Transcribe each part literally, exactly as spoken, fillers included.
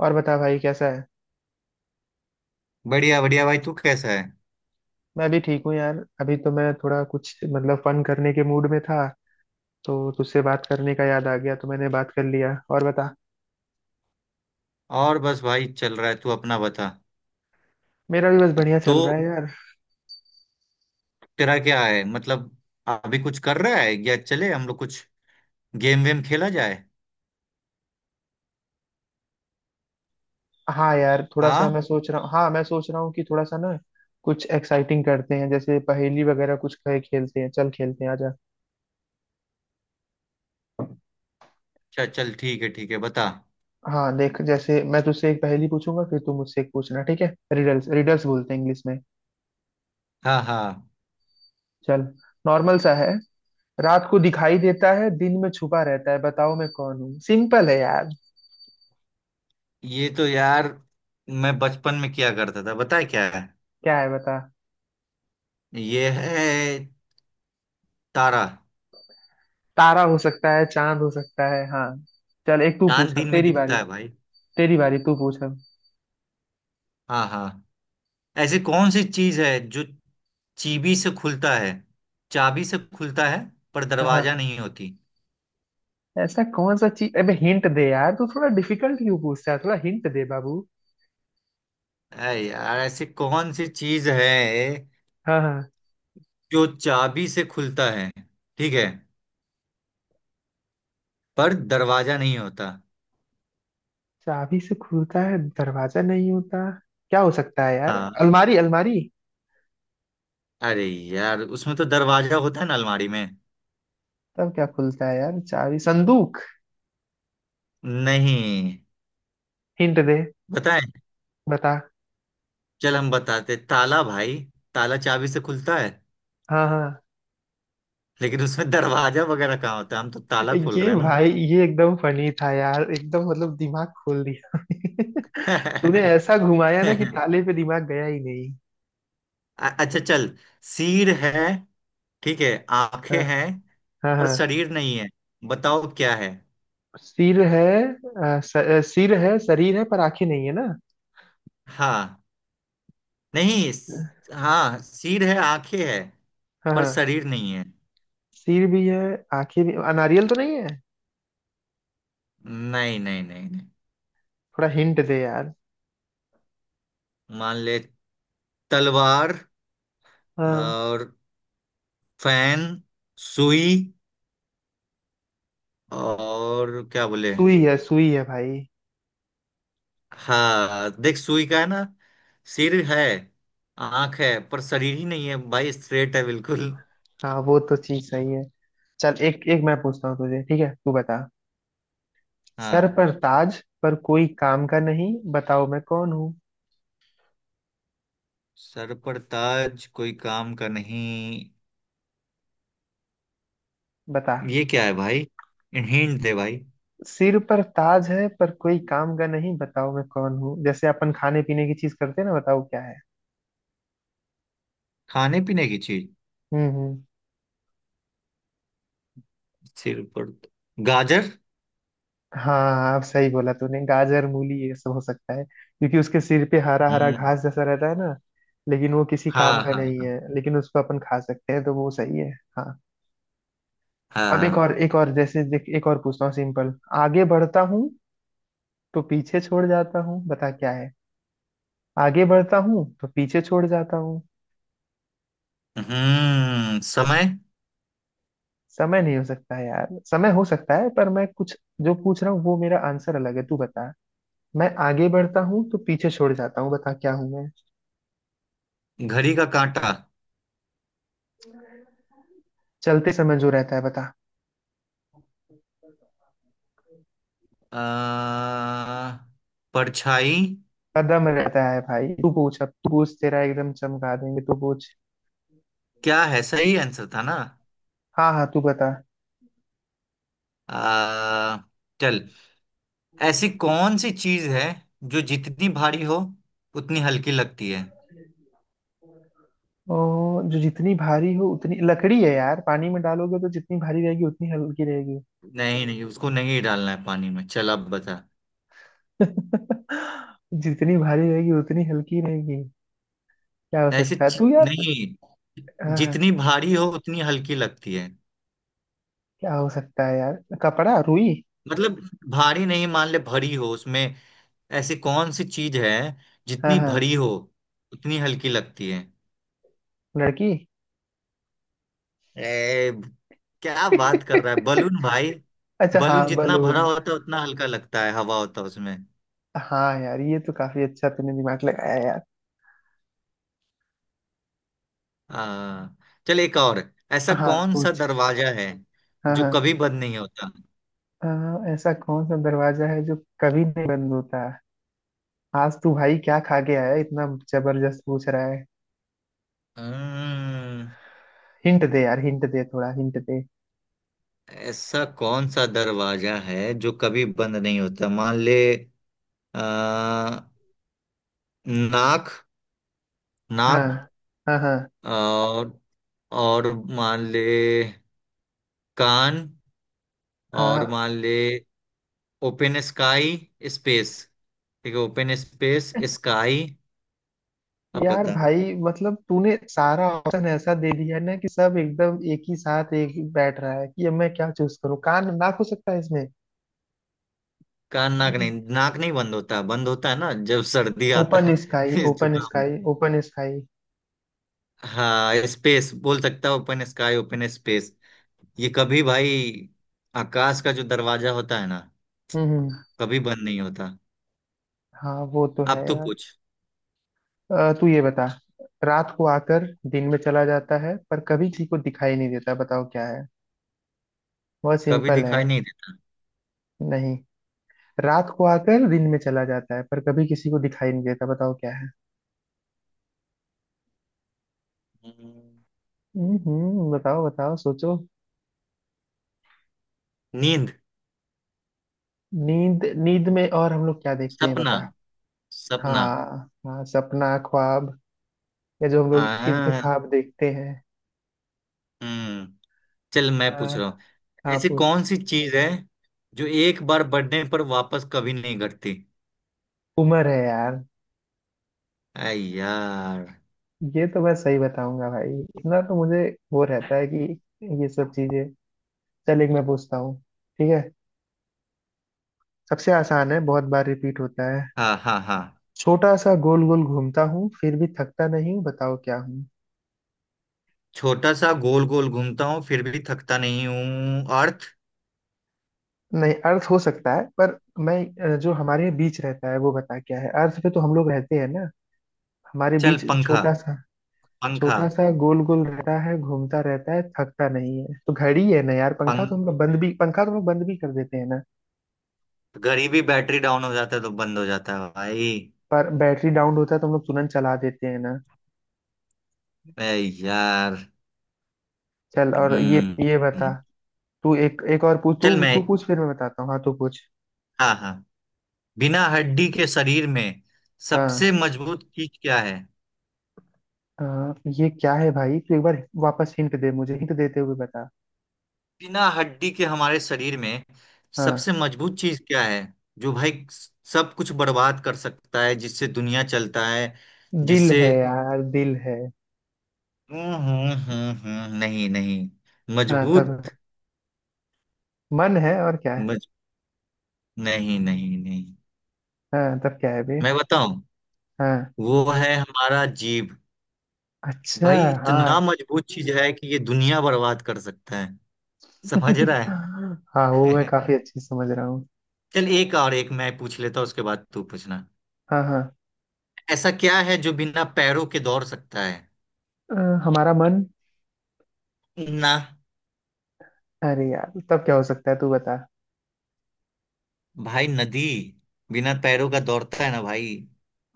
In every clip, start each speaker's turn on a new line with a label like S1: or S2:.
S1: और बता भाई कैसा है।
S2: बढ़िया बढ़िया, भाई, तू कैसा है?
S1: मैं भी ठीक हूँ यार। अभी तो मैं थोड़ा कुछ मतलब फन करने के मूड में था तो तुझसे बात करने का याद आ गया तो मैंने बात कर लिया। और बता।
S2: और बस भाई, चल रहा है। तू अपना बता।
S1: मेरा भी बस बढ़िया
S2: तो
S1: चल रहा है यार।
S2: तेरा क्या है, मतलब अभी कुछ कर रहा है या चले हम लोग कुछ गेम वेम खेला जाए?
S1: हाँ यार थोड़ा सा
S2: हाँ,
S1: मैं सोच रहा हूँ। हाँ मैं सोच रहा हूँ कि थोड़ा सा ना कुछ एक्साइटिंग करते हैं। जैसे पहेली वगैरह कुछ खेल खेलते हैं। चल खेलते हैं आजा।
S2: अच्छा चल, ठीक है ठीक है, बता।
S1: हाँ देख, जैसे मैं तुझसे एक पहेली पूछूंगा फिर तू मुझसे एक पूछना, ठीक है। रिडल्स रिडल्स बोलते हैं इंग्लिश में।
S2: हाँ हाँ।
S1: चल। नॉर्मल सा है। रात को दिखाई देता है, दिन में छुपा रहता है, बताओ मैं कौन हूँ। सिंपल है यार।
S2: ये तो यार मैं बचपन में किया करता था। बता क्या है।
S1: क्या है बता।
S2: ये है तारा।
S1: तारा हो सकता है, चांद हो सकता है। हाँ चल, एक तू
S2: चांद
S1: पूछा,
S2: दिन में
S1: तेरी बारी।
S2: दिखता है भाई।
S1: तेरी बारी, तू पूछा।
S2: हाँ हाँ। ऐसी कौन सी चीज है जो चीबी से खुलता है चाबी से खुलता है, पर
S1: हाँ हाँ।
S2: दरवाजा नहीं होती।
S1: ऐसा कौन सा चीज, अबे हिंट दे यार, तू थोड़ा डिफिकल्ट क्यों पूछता है, थोड़ा हिंट दे बाबू।
S2: अरे यार, ऐसी कौन सी चीज है
S1: हाँ हाँ।
S2: जो चाबी से खुलता है, ठीक है, पर दरवाजा नहीं होता।
S1: चाबी से खुलता है, दरवाजा नहीं होता। क्या हो सकता है यार,
S2: हाँ।
S1: अलमारी अलमारी।
S2: अरे यार, उसमें तो दरवाजा होता है ना, अलमारी में।
S1: तब क्या खुलता है यार, चाबी, संदूक?
S2: नहीं।
S1: हिंट दे।
S2: बताएं।
S1: बता।
S2: चल हम बताते, ताला भाई। ताला चाबी से खुलता है।
S1: हाँ हाँ।
S2: लेकिन उसमें दरवाजा वगैरह कहाँ होता है, हम तो ताला खोल
S1: ये
S2: रहे हैं ना।
S1: भाई ये एकदम फनी था यार, एकदम मतलब दिमाग खोल दिया। तूने ऐसा घुमाया ना कि ताले पे दिमाग गया ही नहीं।
S2: अ- अच्छा चल। सिर है। ठीक है। आंखें
S1: हाँ।
S2: हैं।
S1: हाँ
S2: पर
S1: हाँ।
S2: शरीर नहीं है। बताओ क्या है।
S1: सिर है अ, स, अ, सिर है, शरीर है पर आंखें नहीं है ना।
S2: हाँ। नहीं, स- हाँ, सिर है, आंखें है।
S1: हाँ
S2: पर
S1: हाँ।
S2: शरीर नहीं है।
S1: सिर भी है, आंखें भी, अ, नारियल तो नहीं है?
S2: नहीं नहीं नहीं नहीं।
S1: थोड़ा हिंट दे यार।
S2: मान ले। तलवार।
S1: हाँ।
S2: और फैन, सुई, और क्या बोले।
S1: सुई है सुई है भाई।
S2: हाँ देख, सुई का है ना। सिर है। आंख है, पर शरीर ही नहीं है भाई। स्ट्रेट है बिल्कुल।
S1: हाँ वो तो चीज सही है। चल एक एक मैं पूछता हूँ तुझे, ठीक है, तू बता। सर
S2: हाँ।
S1: पर ताज पर कोई काम का नहीं, बताओ मैं कौन हूँ।
S2: सर पर ताज, कोई काम का नहीं।
S1: बता।
S2: ये क्या है भाई। हिंट दे भाई।
S1: सिर पर ताज है पर कोई काम का नहीं, बताओ मैं कौन हूँ। जैसे अपन खाने पीने की चीज करते हैं ना, बताओ क्या है।
S2: खाने पीने की चीज।
S1: हम्म हम्म।
S2: सिर पर। गाजर।
S1: हाँ अब सही बोला तूने, गाजर मूली ये सब हो सकता है क्योंकि उसके सिर पे हरा हरा
S2: हम्म।
S1: घास जैसा रहता है ना। लेकिन वो किसी काम
S2: हाँ
S1: का नहीं
S2: हाँ।
S1: है, लेकिन उसको अपन खा सकते हैं तो वो सही है। हाँ।
S2: हाँ
S1: अब एक
S2: हाँ।
S1: और, एक और, जैसे देख, एक और पूछता हूँ, सिंपल। आगे बढ़ता हूँ तो पीछे छोड़ जाता हूँ, बता क्या है। आगे बढ़ता हूँ तो पीछे छोड़ जाता हूँ।
S2: हम्म समय।
S1: समय नहीं हो सकता यार, समय हो सकता है पर मैं कुछ जो पूछ रहा हूँ वो मेरा आंसर अलग है, तू बता। मैं आगे बढ़ता हूँ तो पीछे छोड़ जाता हूँ, बता क्या हूँ मैं।
S2: घड़ी का कांटा।
S1: चलते समय जो रहता है, बता।
S2: आ, परछाई।
S1: कदम रहता है भाई। तू पूछ, अब तू पूछ, तेरा एकदम चमका देंगे, तू पूछ।
S2: क्या है, सही आंसर था ना।
S1: हाँ हाँ तू बता।
S2: आ, चल, ऐसी कौन सी चीज है जो जितनी भारी हो उतनी हल्की लगती है?
S1: ओ, जो जितनी भारी हो उतनी, लकड़ी है यार, पानी में डालोगे तो जितनी भारी रहेगी उतनी हल्की रहेगी।
S2: नहीं नहीं, उसको नहीं डालना है पानी में। चल अब बता।
S1: जितनी भारी रहेगी उतनी हल्की रहेगी। क्या हो
S2: ऐसी
S1: सकता है
S2: ची-
S1: तू यार।
S2: नहीं।
S1: हाँ हाँ।
S2: जितनी भारी हो उतनी हल्की लगती है।
S1: क्या हो सकता है यार, कपड़ा, रुई?
S2: मतलब, भारी नहीं, मान ले भरी हो उसमें। ऐसी कौन सी चीज है,
S1: हाँ
S2: जितनी
S1: हाँ।
S2: भरी हो उतनी हल्की लगती है?
S1: लड़की।
S2: ए! क्या बात कर रहा है, बलून भाई।
S1: अच्छा
S2: बलून
S1: हाँ,
S2: जितना भरा
S1: बलून।
S2: होता है उतना हल्का लगता है, हवा होता है उसमें।
S1: हाँ यार ये तो काफी अच्छा तूने दिमाग लगाया यार।
S2: आ, चल एक और। ऐसा
S1: हाँ
S2: कौन सा
S1: पूछ।
S2: दरवाजा है
S1: हाँ
S2: जो
S1: हाँ।
S2: कभी बंद नहीं होता?
S1: अ, ऐसा कौन सा दरवाजा है जो कभी नहीं बंद होता? आज तू भाई क्या खा के आया है? इतना जबरदस्त पूछ रहा है।
S2: हम्म।
S1: हिंट दे यार, हिंट दे, थोड़ा हिंट दे।
S2: ऐसा कौन सा दरवाजा है जो कभी बंद नहीं होता, मान ले। आ, नाक।
S1: हाँ
S2: नाक।
S1: हाँ। हाँ
S2: और। और। मान ले। कान।
S1: अ,
S2: और मान ले। Open sky. स्पेस। ठीक है, ओपन स्पेस स्काई। अब
S1: यार
S2: बता।
S1: भाई मतलब तूने सारा ऑप्शन ऐसा दे दिया है ना कि सब एकदम एक ही साथ एक ही बैठ रहा है कि अब मैं क्या चूज करूँ, कान नाक हो सकता है इसमें।
S2: कान नाक नहीं, नाक नहीं बंद होता, बंद होता है ना जब सर्दी आता
S1: ओपन
S2: है।
S1: स्काई
S2: इस
S1: ओपन
S2: जुकाम में।
S1: स्काई ओपन स्काई
S2: हाँ, स्पेस बोल सकता है, ओपन स्काई, ओपन स्पेस। ये कभी भाई, आकाश का जो दरवाजा होता है ना,
S1: हम्म हम्म।
S2: कभी बंद नहीं होता।
S1: हाँ वो तो है
S2: अब तो
S1: यार।
S2: पूछ।
S1: अ, तू ये बता, रात को आकर दिन में चला जाता है पर कभी किसी को दिखाई नहीं देता, बताओ क्या है। बहुत
S2: कभी
S1: सिंपल है।
S2: दिखाई नहीं
S1: नहीं, रात को आकर दिन में चला जाता है पर कभी किसी को दिखाई नहीं देता, बताओ क्या है।
S2: देता। हम्म,
S1: हम्म हम्म, बताओ बताओ सोचो।
S2: नींद।
S1: नींद? नींद में और हम लोग क्या देखते हैं
S2: सपना।
S1: बता।
S2: सपना।
S1: हाँ हाँ, सपना, ख्वाब, या जो हम लोग
S2: आ
S1: इंतखाब देखते हैं।
S2: हम्म चल मैं
S1: हाँ
S2: पूछ रहा हूँ,
S1: हाँ
S2: ऐसी
S1: पूछ।
S2: कौन सी चीज है जो एक बार बढ़ने पर वापस कभी नहीं घटती?
S1: उम्र है यार।
S2: आई यार।
S1: ये तो मैं सही बताऊंगा भाई इतना तो मुझे। वो रहता है कि ये सब चीजें। चल एक मैं पूछता हूँ, ठीक है। सबसे आसान है, बहुत बार रिपीट होता है।
S2: हाँ हाँ हाँ।
S1: छोटा सा गोल गोल घूमता हूँ फिर भी थकता नहीं, बताओ क्या हूँ।
S2: छोटा सा गोल गोल घूमता हूँ फिर भी थकता नहीं हूँ, अर्थ?
S1: नहीं अर्थ हो सकता है पर मैं अ, जो हमारे बीच रहता है वो बता क्या है, अर्थ पे तो हम लोग रहते हैं ना, हमारे
S2: चल,
S1: बीच
S2: पंखा।
S1: छोटा सा।
S2: पंखा।
S1: छोटा सा गोल गोल रहता है घूमता रहता है थकता नहीं है तो घड़ी है ना यार, पंखा
S2: पंख।
S1: तो हम लोग बंद भी पंखा तो हम लोग बंद भी कर देते हैं ना।
S2: घड़ी भी बैटरी डाउन हो जाता है तो बंद हो जाता है भाई।
S1: पर बैटरी डाउन होता है तो हम लोग तुरंत चला देते हैं ना।
S2: आई यार।
S1: चल और ये
S2: हम्म
S1: ये बता।
S2: हम्म।
S1: तू एक, एक और पूछ तू
S2: चल मैं।
S1: तू पूछ फिर मैं बताता हूँ। हाँ तू पूछ।
S2: हाँ हाँ। बिना हड्डी के शरीर में सबसे
S1: हाँ
S2: मजबूत चीज क्या है?
S1: हाँ, ये क्या है भाई, तू एक बार वापस हिंट दे, मुझे हिंट देते हुए बता।
S2: बिना हड्डी के हमारे शरीर में
S1: हाँ।
S2: सबसे मजबूत चीज क्या है? जो भाई सब कुछ बर्बाद कर सकता है, जिससे दुनिया चलता है,
S1: दिल
S2: जिससे।
S1: है यार दिल है
S2: हम्म हम्म हम्म हम्म, नहीं नहीं।
S1: हाँ तब
S2: मजबूत।
S1: मन है, और क्या है?
S2: मज नहीं नहीं नहीं।
S1: हाँ तब क्या है बे।
S2: मैं बताऊं।
S1: हाँ।
S2: वो है हमारा जीभ।
S1: अच्छा।
S2: भाई,
S1: हाँ।
S2: इतना मजबूत चीज है कि ये दुनिया बर्बाद कर सकता है। समझ रहा
S1: हाँ वो मैं
S2: है?
S1: काफी अच्छे से समझ रहा हूँ।
S2: चल, एक और, एक मैं पूछ लेता हूं, उसके बाद तू पूछना।
S1: हाँ हाँ।
S2: ऐसा क्या है जो बिना पैरों के दौड़ सकता है?
S1: अ, हमारा मन।
S2: ना।
S1: अरे यार तब क्या हो सकता है तू बता।
S2: भाई, नदी। बिना पैरों का दौड़ता है ना भाई।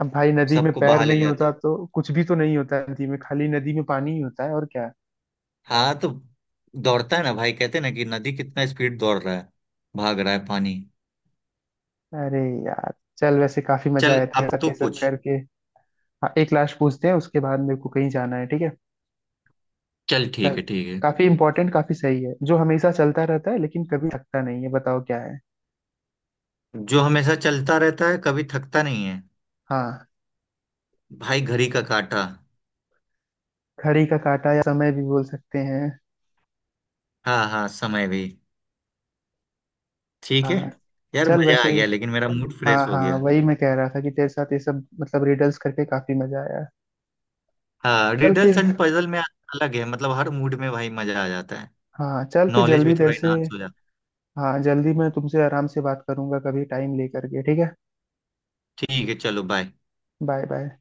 S1: अब भाई नदी में
S2: सबको
S1: पैर
S2: बहा ले
S1: नहीं
S2: जाता
S1: होता
S2: है।
S1: तो कुछ भी तो नहीं होता, नदी में खाली नदी में पानी ही होता है और क्या।
S2: हाँ तो दौड़ता है ना भाई, कहते हैं ना कि नदी कितना स्पीड दौड़ रहा है। भाग रहा है पानी।
S1: अरे यार चल, वैसे काफी मजा
S2: चल,
S1: आया था
S2: अब
S1: सब
S2: तो
S1: ये सब
S2: कुछ।
S1: करके। हाँ एक लास्ट पूछते हैं उसके बाद मेरे को कहीं जाना है, ठीक है।
S2: चल,
S1: चल।
S2: ठीक है ठीक है।
S1: काफी इंपॉर्टेंट, काफी सही है। जो हमेशा चलता रहता है लेकिन कभी थकता नहीं है, बताओ क्या है।
S2: जो हमेशा चलता रहता है कभी थकता नहीं है?
S1: हाँ।
S2: भाई, घड़ी का काटा।
S1: घड़ी का काटा या समय भी बोल सकते हैं।
S2: हाँ हाँ, समय भी। ठीक है।
S1: हाँ।
S2: यार,
S1: चल
S2: मजा आ
S1: वैसे,
S2: गया, लेकिन मेरा मूड
S1: हाँ
S2: फ्रेश हो
S1: हाँ
S2: गया।
S1: वही मैं कह रहा था कि तेरे साथ ये सब मतलब रिडल्स करके काफी मजा आया।
S2: हाँ,
S1: चल
S2: रिडल्स
S1: फिर,
S2: एंड पजल में अलग है, मतलब हर मूड में भाई मजा आ जाता है।
S1: हाँ चल फिर
S2: नॉलेज
S1: जल्दी
S2: भी
S1: तेरे
S2: थोड़ा
S1: से।
S2: इनहांस हो जाता
S1: हाँ जल्दी मैं तुमसे आराम से बात करूंगा कभी टाइम लेकर के, ठीक है।
S2: है, ठीक है, चलो बाय।
S1: Bye bye.